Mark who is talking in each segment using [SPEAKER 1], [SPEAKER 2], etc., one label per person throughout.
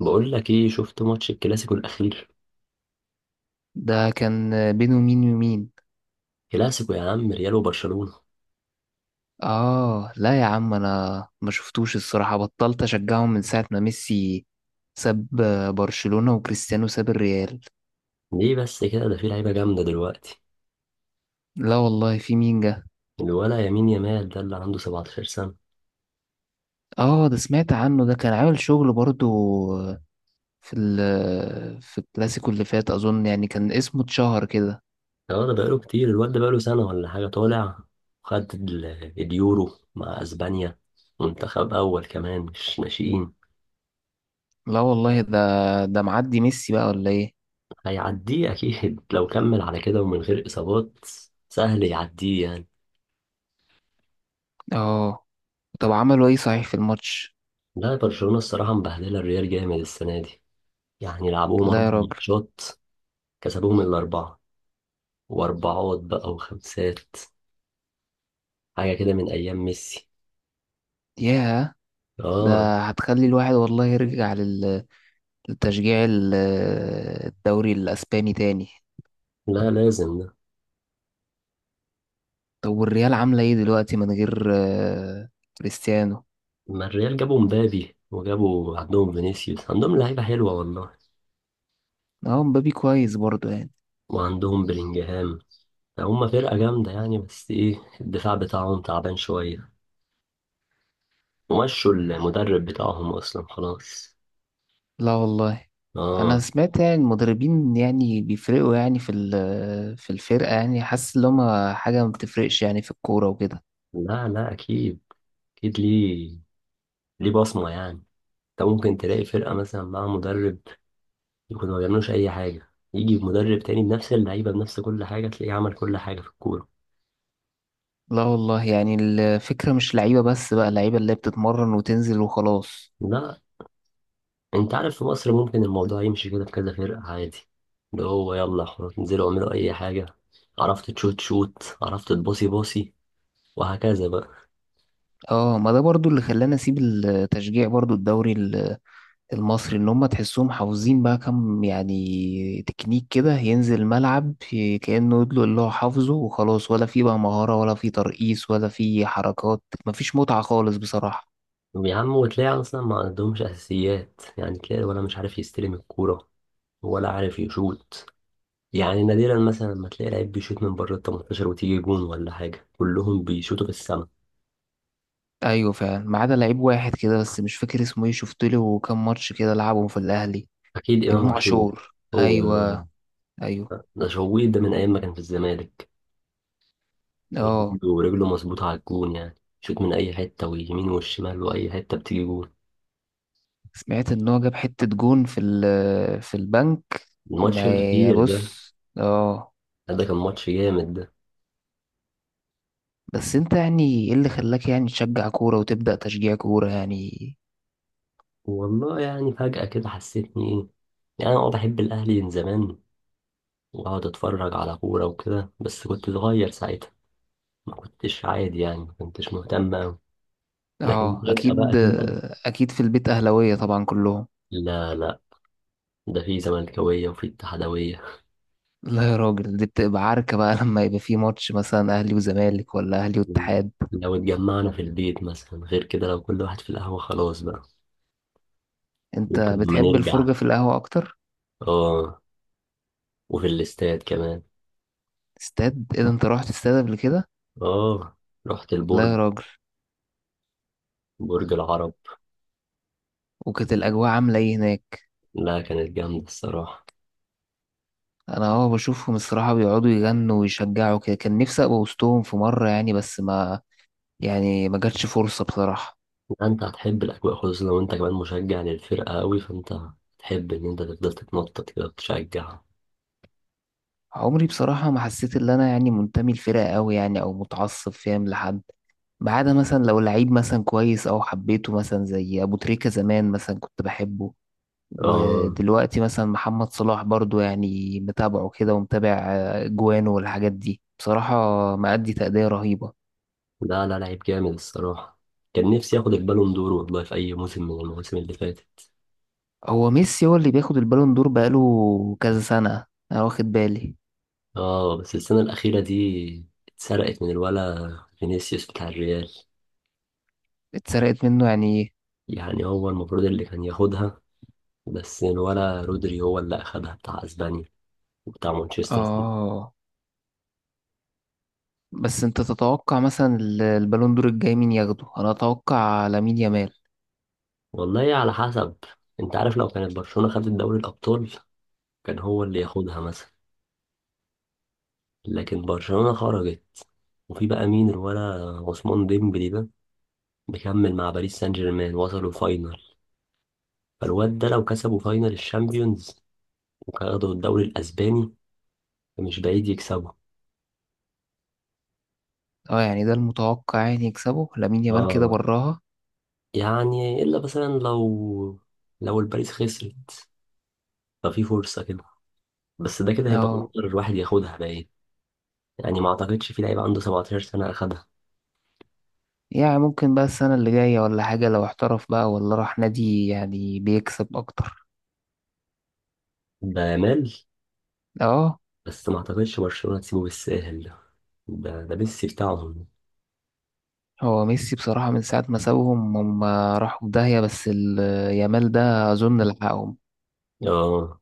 [SPEAKER 1] بقول لك ايه، شفت ماتش الكلاسيكو الاخير؟
[SPEAKER 2] ده كان بينه مين ومين؟
[SPEAKER 1] كلاسيكو يا عم، ريال وبرشلونة.
[SPEAKER 2] اه، لا يا عم، انا ما شفتوش الصراحة، بطلت اشجعهم من ساعة ما ميسي ساب برشلونة وكريستيانو ساب الريال.
[SPEAKER 1] ليه بس كده؟ ده في لعيبه جامده دلوقتي.
[SPEAKER 2] لا والله، في مين جه؟
[SPEAKER 1] الولا يمين يمال ده اللي عنده 17 سنه.
[SPEAKER 2] اه، ده سمعت عنه، ده كان عامل شغل برضو في الكلاسيكو اللي فات اظن، يعني كان اسمه اتشهر كده.
[SPEAKER 1] اه، ده بقاله كتير، الواد ده بقاله سنه ولا حاجه طالع. خد اليورو مع اسبانيا. منتخب اول كمان، مش ناشئين.
[SPEAKER 2] لا والله، ده معدي ميسي بقى ولا ايه؟
[SPEAKER 1] هيعديه اكيد، لو كمل على كده ومن غير اصابات. سهل يعديه يعني.
[SPEAKER 2] اه. طب عملوا ايه صحيح في الماتش؟
[SPEAKER 1] لا، برشلونة الصراحة مبهدلة الريال جامد السنة دي. يعني لعبوهم
[SPEAKER 2] لا يا
[SPEAKER 1] أربع
[SPEAKER 2] راجل.
[SPEAKER 1] ماتشات. كسبوهم الأربعة. واربعات بقى وخمسات. حاجة كده من ايام ميسي.
[SPEAKER 2] ياه.
[SPEAKER 1] اه.
[SPEAKER 2] ده هتخلي الواحد والله يرجع تشجيع الدوري الاسباني تاني.
[SPEAKER 1] لا، لازم ده.
[SPEAKER 2] طب والريال عامله ايه دلوقتي من غير كريستيانو؟
[SPEAKER 1] ما الريال جابوا مبابي، وجابوا عندهم فينيسيوس، عندهم لعيبة حلوة والله.
[SPEAKER 2] اه، مبابي كويس برضه يعني.
[SPEAKER 1] وعندهم بلينجهام. هم فرقة جامدة يعني، بس ايه، الدفاع بتاعهم تعبان شوية. ومشوا المدرب بتاعهم اصلا خلاص.
[SPEAKER 2] لا والله. انا
[SPEAKER 1] اه.
[SPEAKER 2] سمعت يعني المدربين يعني بيفرقوا، يعني في الفرقه، يعني حاسس ان هما حاجه ما بتفرقش يعني في الكوره وكده.
[SPEAKER 1] لا، لا، اكيد. اكيد ليه. ليه بصمة يعني. انت ممكن تلاقي فرقة مثلا مع مدرب يكونوا ما بيعملوش أي حاجة، يجي مدرب تاني بنفس اللعيبة بنفس كل حاجة تلاقيه عمل كل حاجة في الكورة.
[SPEAKER 2] لا والله، يعني الفكره مش لعيبه بس بقى لعيبه اللي هي بتتمرن وتنزل وخلاص.
[SPEAKER 1] لا. أنت عارف، في مصر ممكن الموضوع يمشي كده في كذا فرقة عادي. اللي هو يلا خلاص انزلوا اعملوا أي حاجة. عرفت تشوت شوت، عرفت تباصي باصي. وهكذا بقى.
[SPEAKER 2] اه، ما ده برضو اللي خلاني اسيب التشجيع برضو الدوري المصري، اللي هم تحسهم حافظين بقى كم يعني تكنيك كده، ينزل الملعب كأنه يدلق اللي هو حافظه وخلاص، ولا في بقى مهارة ولا في ترقيص ولا في حركات، مفيش متعة خالص بصراحة.
[SPEAKER 1] يا عم، وتلاقي أصلا ما عندهمش أساسيات، يعني تلاقي ولا مش عارف يستلم الكورة. ولا عارف يشوت. يعني نادرا مثلا لما تلاقي لعيب بيشوت من بره ال 18 وتيجي جون ولا حاجة، كلهم بيشوتوا في السما.
[SPEAKER 2] ايوه فعلا، ما عدا لعيب واحد كده، بس مش فاكر اسمه ايه، شفت له كام ماتش كده لعبهم في الاهلي.
[SPEAKER 1] أكيد إمام
[SPEAKER 2] امام
[SPEAKER 1] عاشور.
[SPEAKER 2] عاشور،
[SPEAKER 1] هو.
[SPEAKER 2] ايوه. ايوه.
[SPEAKER 1] ده شويت ده من ايام ما كان في الزمالك.
[SPEAKER 2] اه،
[SPEAKER 1] رجله رجله مظبوطه على الجون يعني. شوت من اي حته، ويمين والشمال واي حته بتيجي جون.
[SPEAKER 2] سمعت ان هو جاب حتة جون في البنك.
[SPEAKER 1] الماتش
[SPEAKER 2] ما، يا
[SPEAKER 1] الاخير ده.
[SPEAKER 2] بص. اه.
[SPEAKER 1] ده كان ماتش جامد ده.
[SPEAKER 2] بس انت يعني ايه اللي خلاك يعني تشجع كورة وتبدأ تشجيع كورة يعني؟
[SPEAKER 1] والله يعني فجاه كده حسيتني ايه. يعني انا بحب الاهلي من زمان. واقعد اتفرج على كوره وكده، بس كنت صغير ساعتها. ما كنتش عادي يعني، ما كنتش مهتم أوي. لكن
[SPEAKER 2] اه
[SPEAKER 1] فجاه بقى
[SPEAKER 2] اكيد.
[SPEAKER 1] كده.
[SPEAKER 2] اكيد في البيت اهلاوية طبعا كلهم؟
[SPEAKER 1] لا، لا. ده في زملكاويه وفي اتحادويه.
[SPEAKER 2] لا يا راجل، دي بتبقى عركة بقى لما يبقى في ماتش مثلا اهلي وزمالك ولا اهلي واتحاد.
[SPEAKER 1] لو اتجمعنا في البيت مثلا غير كده، لو كل واحد في القهوه خلاص بقى.
[SPEAKER 2] انت
[SPEAKER 1] ممكن لما
[SPEAKER 2] بتحب
[SPEAKER 1] نرجع.
[SPEAKER 2] الفرجة في القهوة اكتر؟
[SPEAKER 1] اه. وفي الاستاد كمان.
[SPEAKER 2] استاد ايه ده؟ انت رحت استاد قبل كده؟
[SPEAKER 1] اه. رحت
[SPEAKER 2] لا
[SPEAKER 1] البرج.
[SPEAKER 2] يا راجل.
[SPEAKER 1] برج العرب.
[SPEAKER 2] وكانت الاجواء عاملة ايه هناك؟
[SPEAKER 1] لا، كانت جامدة الصراحة.
[SPEAKER 2] انا بشوفهم الصراحة بيقعدوا يغنوا ويشجعوا كده، كان نفسي ابقى وسطهم في مرة يعني، بس ما يعني ما جاتش فرصة بصراحة.
[SPEAKER 1] لا، انت هتحب الأجواء، خصوصا لو انت كمان مشجع للفرقة قوي، فانت هتحب ان انت تفضل تتنطط كده وتشجعها.
[SPEAKER 2] عمري بصراحة ما حسيت إن أنا يعني منتمي لفرقة أوي، يعني أو متعصب فاهم، لحد ما عدا مثلا لو لعيب مثلا كويس أو حبيته، مثلا زي أبو تريكة زمان مثلا كنت بحبه،
[SPEAKER 1] اه.
[SPEAKER 2] ودلوقتي مثلا محمد صلاح برضو، يعني متابعه كده ومتابع جوانه والحاجات دي بصراحة. مأدي تأدية رهيبة.
[SPEAKER 1] لا، لا، لعيب جامد الصراحة. كان نفسي ياخد البالون دور والله في أي موسم من المواسم اللي فاتت.
[SPEAKER 2] هو ميسي هو اللي بياخد البالون دور بقاله كذا سنة، أنا واخد بالي.
[SPEAKER 1] اه، بس السنة الأخيرة دي اتسرقت من الولا، فينيسيوس بتاع الريال.
[SPEAKER 2] اتسرقت منه يعني إيه؟
[SPEAKER 1] يعني هو المفروض اللي كان ياخدها. بس ولا رودري هو اللي أخدها، بتاع أسبانيا وبتاع مانشستر سيتي.
[SPEAKER 2] آه. بس انت تتوقع مثلا البالون دور الجاي مين ياخده؟ انا اتوقع لامين يامال.
[SPEAKER 1] والله على حسب. أنت عارف، لو كانت برشلونة خدت دوري الأبطال كان هو اللي ياخدها مثلا. لكن برشلونة خرجت. وفي بقى مين الولا، عثمان ديمبلي ده، مكمل مع باريس سان جيرمان وصلوا فاينل. فالواد ده لو كسبوا فاينل الشامبيونز وخدوا الدوري الأسباني، فمش بعيد يكسبوا.
[SPEAKER 2] اه، يعني ده المتوقع، يعني يكسبه لامين يامال كده
[SPEAKER 1] اه.
[SPEAKER 2] براها.
[SPEAKER 1] يعني إلا مثلا لو الباريس خسرت ففي فرصة كده. بس ده كده هيبقى
[SPEAKER 2] اه،
[SPEAKER 1] اكتر واحد ياخدها باين. يعني ما اعتقدش في لعيب عنده 17 سنه اخدها.
[SPEAKER 2] يعني ممكن بقى السنة اللي جاية ولا حاجة لو احترف بقى ولا راح نادي يعني بيكسب اكتر.
[SPEAKER 1] ده مال.
[SPEAKER 2] اه.
[SPEAKER 1] بس ما اعتقدش برشلونه تسيبه بالساهل. ده ميسي بتاعهم.
[SPEAKER 2] هو ميسي بصراحة من ساعة ما سابهم هم راحوا في داهية، بس يامال ده اظن لحقهم.
[SPEAKER 1] اه.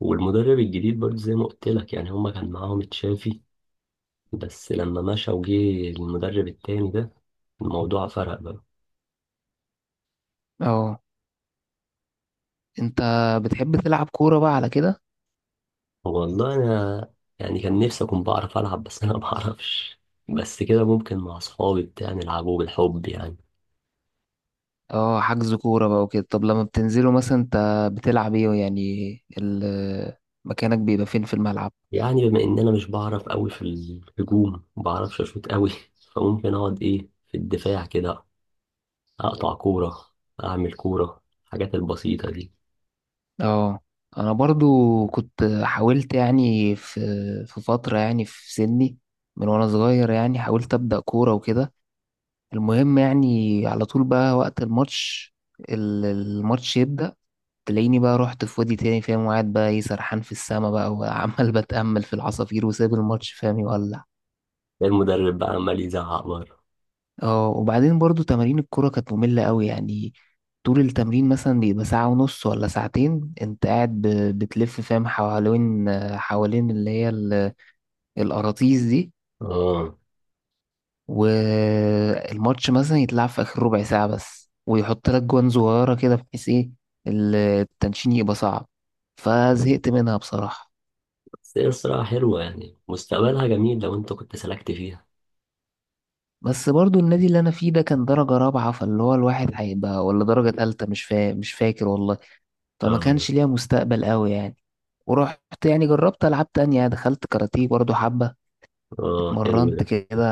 [SPEAKER 1] والمدرب الجديد برضه زي ما قلت لك، يعني هما كان معاهم تشافي، بس لما مشى وجه المدرب التاني ده، الموضوع فرق بقى.
[SPEAKER 2] اه. انت بتحب تلعب كورة بقى على كده؟
[SPEAKER 1] والله انا، يعني كان نفسي اكون بعرف العب، بس انا ما بعرفش. بس كده ممكن مع اصحابي بتاع نلعبه بالحب يعني.
[SPEAKER 2] اه حجز كورة بقى وكده. طب لما بتنزلوا مثلا انت بتلعب ايه يعني؟ ال- مكانك بيبقى فين في الملعب؟
[SPEAKER 1] يعني بما ان انا مش بعرف قوي في الهجوم، ما بعرفش اشوط قوي، فممكن اقعد ايه في الدفاع كده، اقطع كوره، اعمل كوره، الحاجات البسيطه دي.
[SPEAKER 2] اه، انا برضو كنت حاولت يعني في فترة يعني في سني، من وانا صغير يعني حاولت ابدأ كورة وكده، المهم يعني على طول بقى وقت الماتش، الماتش يبدأ، تلاقيني بقى رحت في وادي تاني فاهم، وقاعد بقى ايه سرحان في السما بقى وعمال بتأمل في العصافير وسايب الماتش فاهم يولع.
[SPEAKER 1] المدرب بقى عمال يزعق بره.
[SPEAKER 2] اه، وبعدين برضو تمارين الكرة كانت مملة قوي يعني، طول التمرين مثلا بيبقى ساعة ونص ولا ساعتين، انت قاعد بتلف فاهم حوالين اللي هي الأراطيس دي،
[SPEAKER 1] اه.
[SPEAKER 2] والماتش مثلا يتلعب في آخر ربع ساعة بس ويحط لك جوان صغيرة كده، بحيث ايه التنشين يبقى صعب، فزهقت منها بصراحة.
[SPEAKER 1] بس هي الصراحه حلوه يعني، مستقبلها جميل لو انت كنت سلكت فيها.
[SPEAKER 2] بس برضو النادي اللي أنا فيه ده كان درجة رابعة، فاللي هو الواحد هيبقى ولا درجة تالتة مش فاكر والله، فما
[SPEAKER 1] اه.
[SPEAKER 2] كانش ليها مستقبل قوي يعني. ورحت، يعني جربت ألعاب تانية، دخلت كاراتيه برضو حبة،
[SPEAKER 1] اه، حلو
[SPEAKER 2] اتمرنت
[SPEAKER 1] ده.
[SPEAKER 2] كده.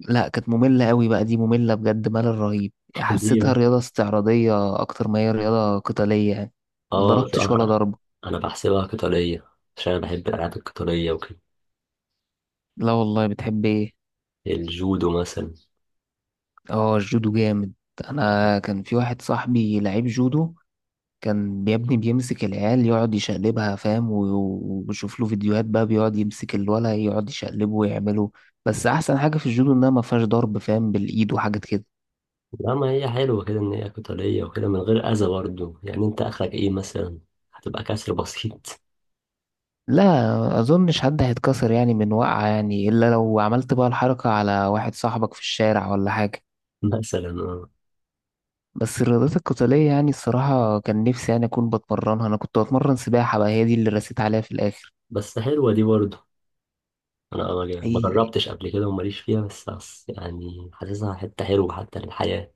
[SPEAKER 2] لا كانت مملة قوي بقى، دي مملة بجد ملل رهيب.
[SPEAKER 1] ليه
[SPEAKER 2] حسيتها
[SPEAKER 1] بقى؟
[SPEAKER 2] رياضة استعراضية أكتر ما هي رياضة قتالية يعني، ما
[SPEAKER 1] اه،
[SPEAKER 2] ضربتش ولا
[SPEAKER 1] صراحه.
[SPEAKER 2] ضربة.
[SPEAKER 1] انا بحسبها قتاليه، عشان انا بحب الالعاب القتاليه وكده.
[SPEAKER 2] لا والله، بتحب ايه؟
[SPEAKER 1] الجودو مثلا.
[SPEAKER 2] اه الجودو جامد. أنا كان في واحد صاحبي لعيب جودو، كان يا ابني بيمسك العيال يقعد يشقلبها فاهم، وبشوف له فيديوهات بقى، بيقعد يمسك الولا يقعد يشقلبه ويعمله. بس احسن حاجة في الجودو انها ما فيهاش ضرب فاهم بالايد وحاجات كده.
[SPEAKER 1] لا، ما هي حلوة كده إن هي قتالية وكده من غير أذى برضه، يعني أنت آخرك إيه مثلا؟ هتبقى كسر بسيط.
[SPEAKER 2] لا اظنش حد هيتكسر يعني من وقعة يعني، الا لو عملت بقى الحركة على واحد صاحبك في الشارع ولا حاجة.
[SPEAKER 1] مثلا آه.
[SPEAKER 2] بس الرياضات القتالية يعني الصراحة كان نفسي يعني أكون بتمرنها، أنا كنت بتمرن سباحة بقى، هي دي اللي رسيت عليها في الآخر.
[SPEAKER 1] بس حلوة دي برضه. أنا ما
[SPEAKER 2] حقيقي.
[SPEAKER 1] جربتش قبل كده وماليش فيها، بس يعني حاسسها حتة حلوة حتى للحياة.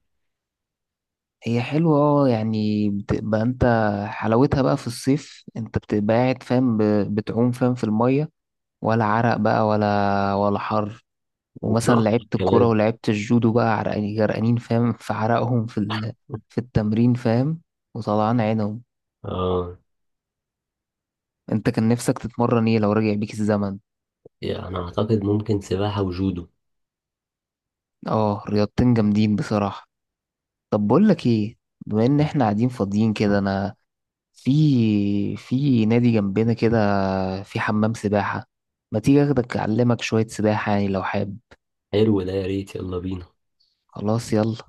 [SPEAKER 2] هي حلوة يعني بتبقى انت حلاوتها بقى في الصيف، انت بتبقى قاعد فاهم بتعوم فاهم في المية، ولا عرق بقى ولا حر. ومثلا
[SPEAKER 1] وبراحتك
[SPEAKER 2] لعبت الكورة
[SPEAKER 1] كمان.
[SPEAKER 2] ولعبت الجودو بقى عرقانين جرقانين فاهم في عرقهم في التمرين فاهم وطلعان عينهم.
[SPEAKER 1] آه.
[SPEAKER 2] انت كان نفسك تتمرن ايه لو رجع بيك الزمن؟
[SPEAKER 1] يعني أنا أعتقد ممكن سباحة وجودو.
[SPEAKER 2] اه رياضتين جامدين بصراحة. طب بقول لك ايه، بما ان احنا قاعدين فاضيين كده، انا في نادي جنبنا كده، في حمام سباحة، ما تيجي اخدك اعلمك شوية سباحة يعني لو حابب.
[SPEAKER 1] حلو ده، يا ريت، يلا بينا.
[SPEAKER 2] خلاص يلا.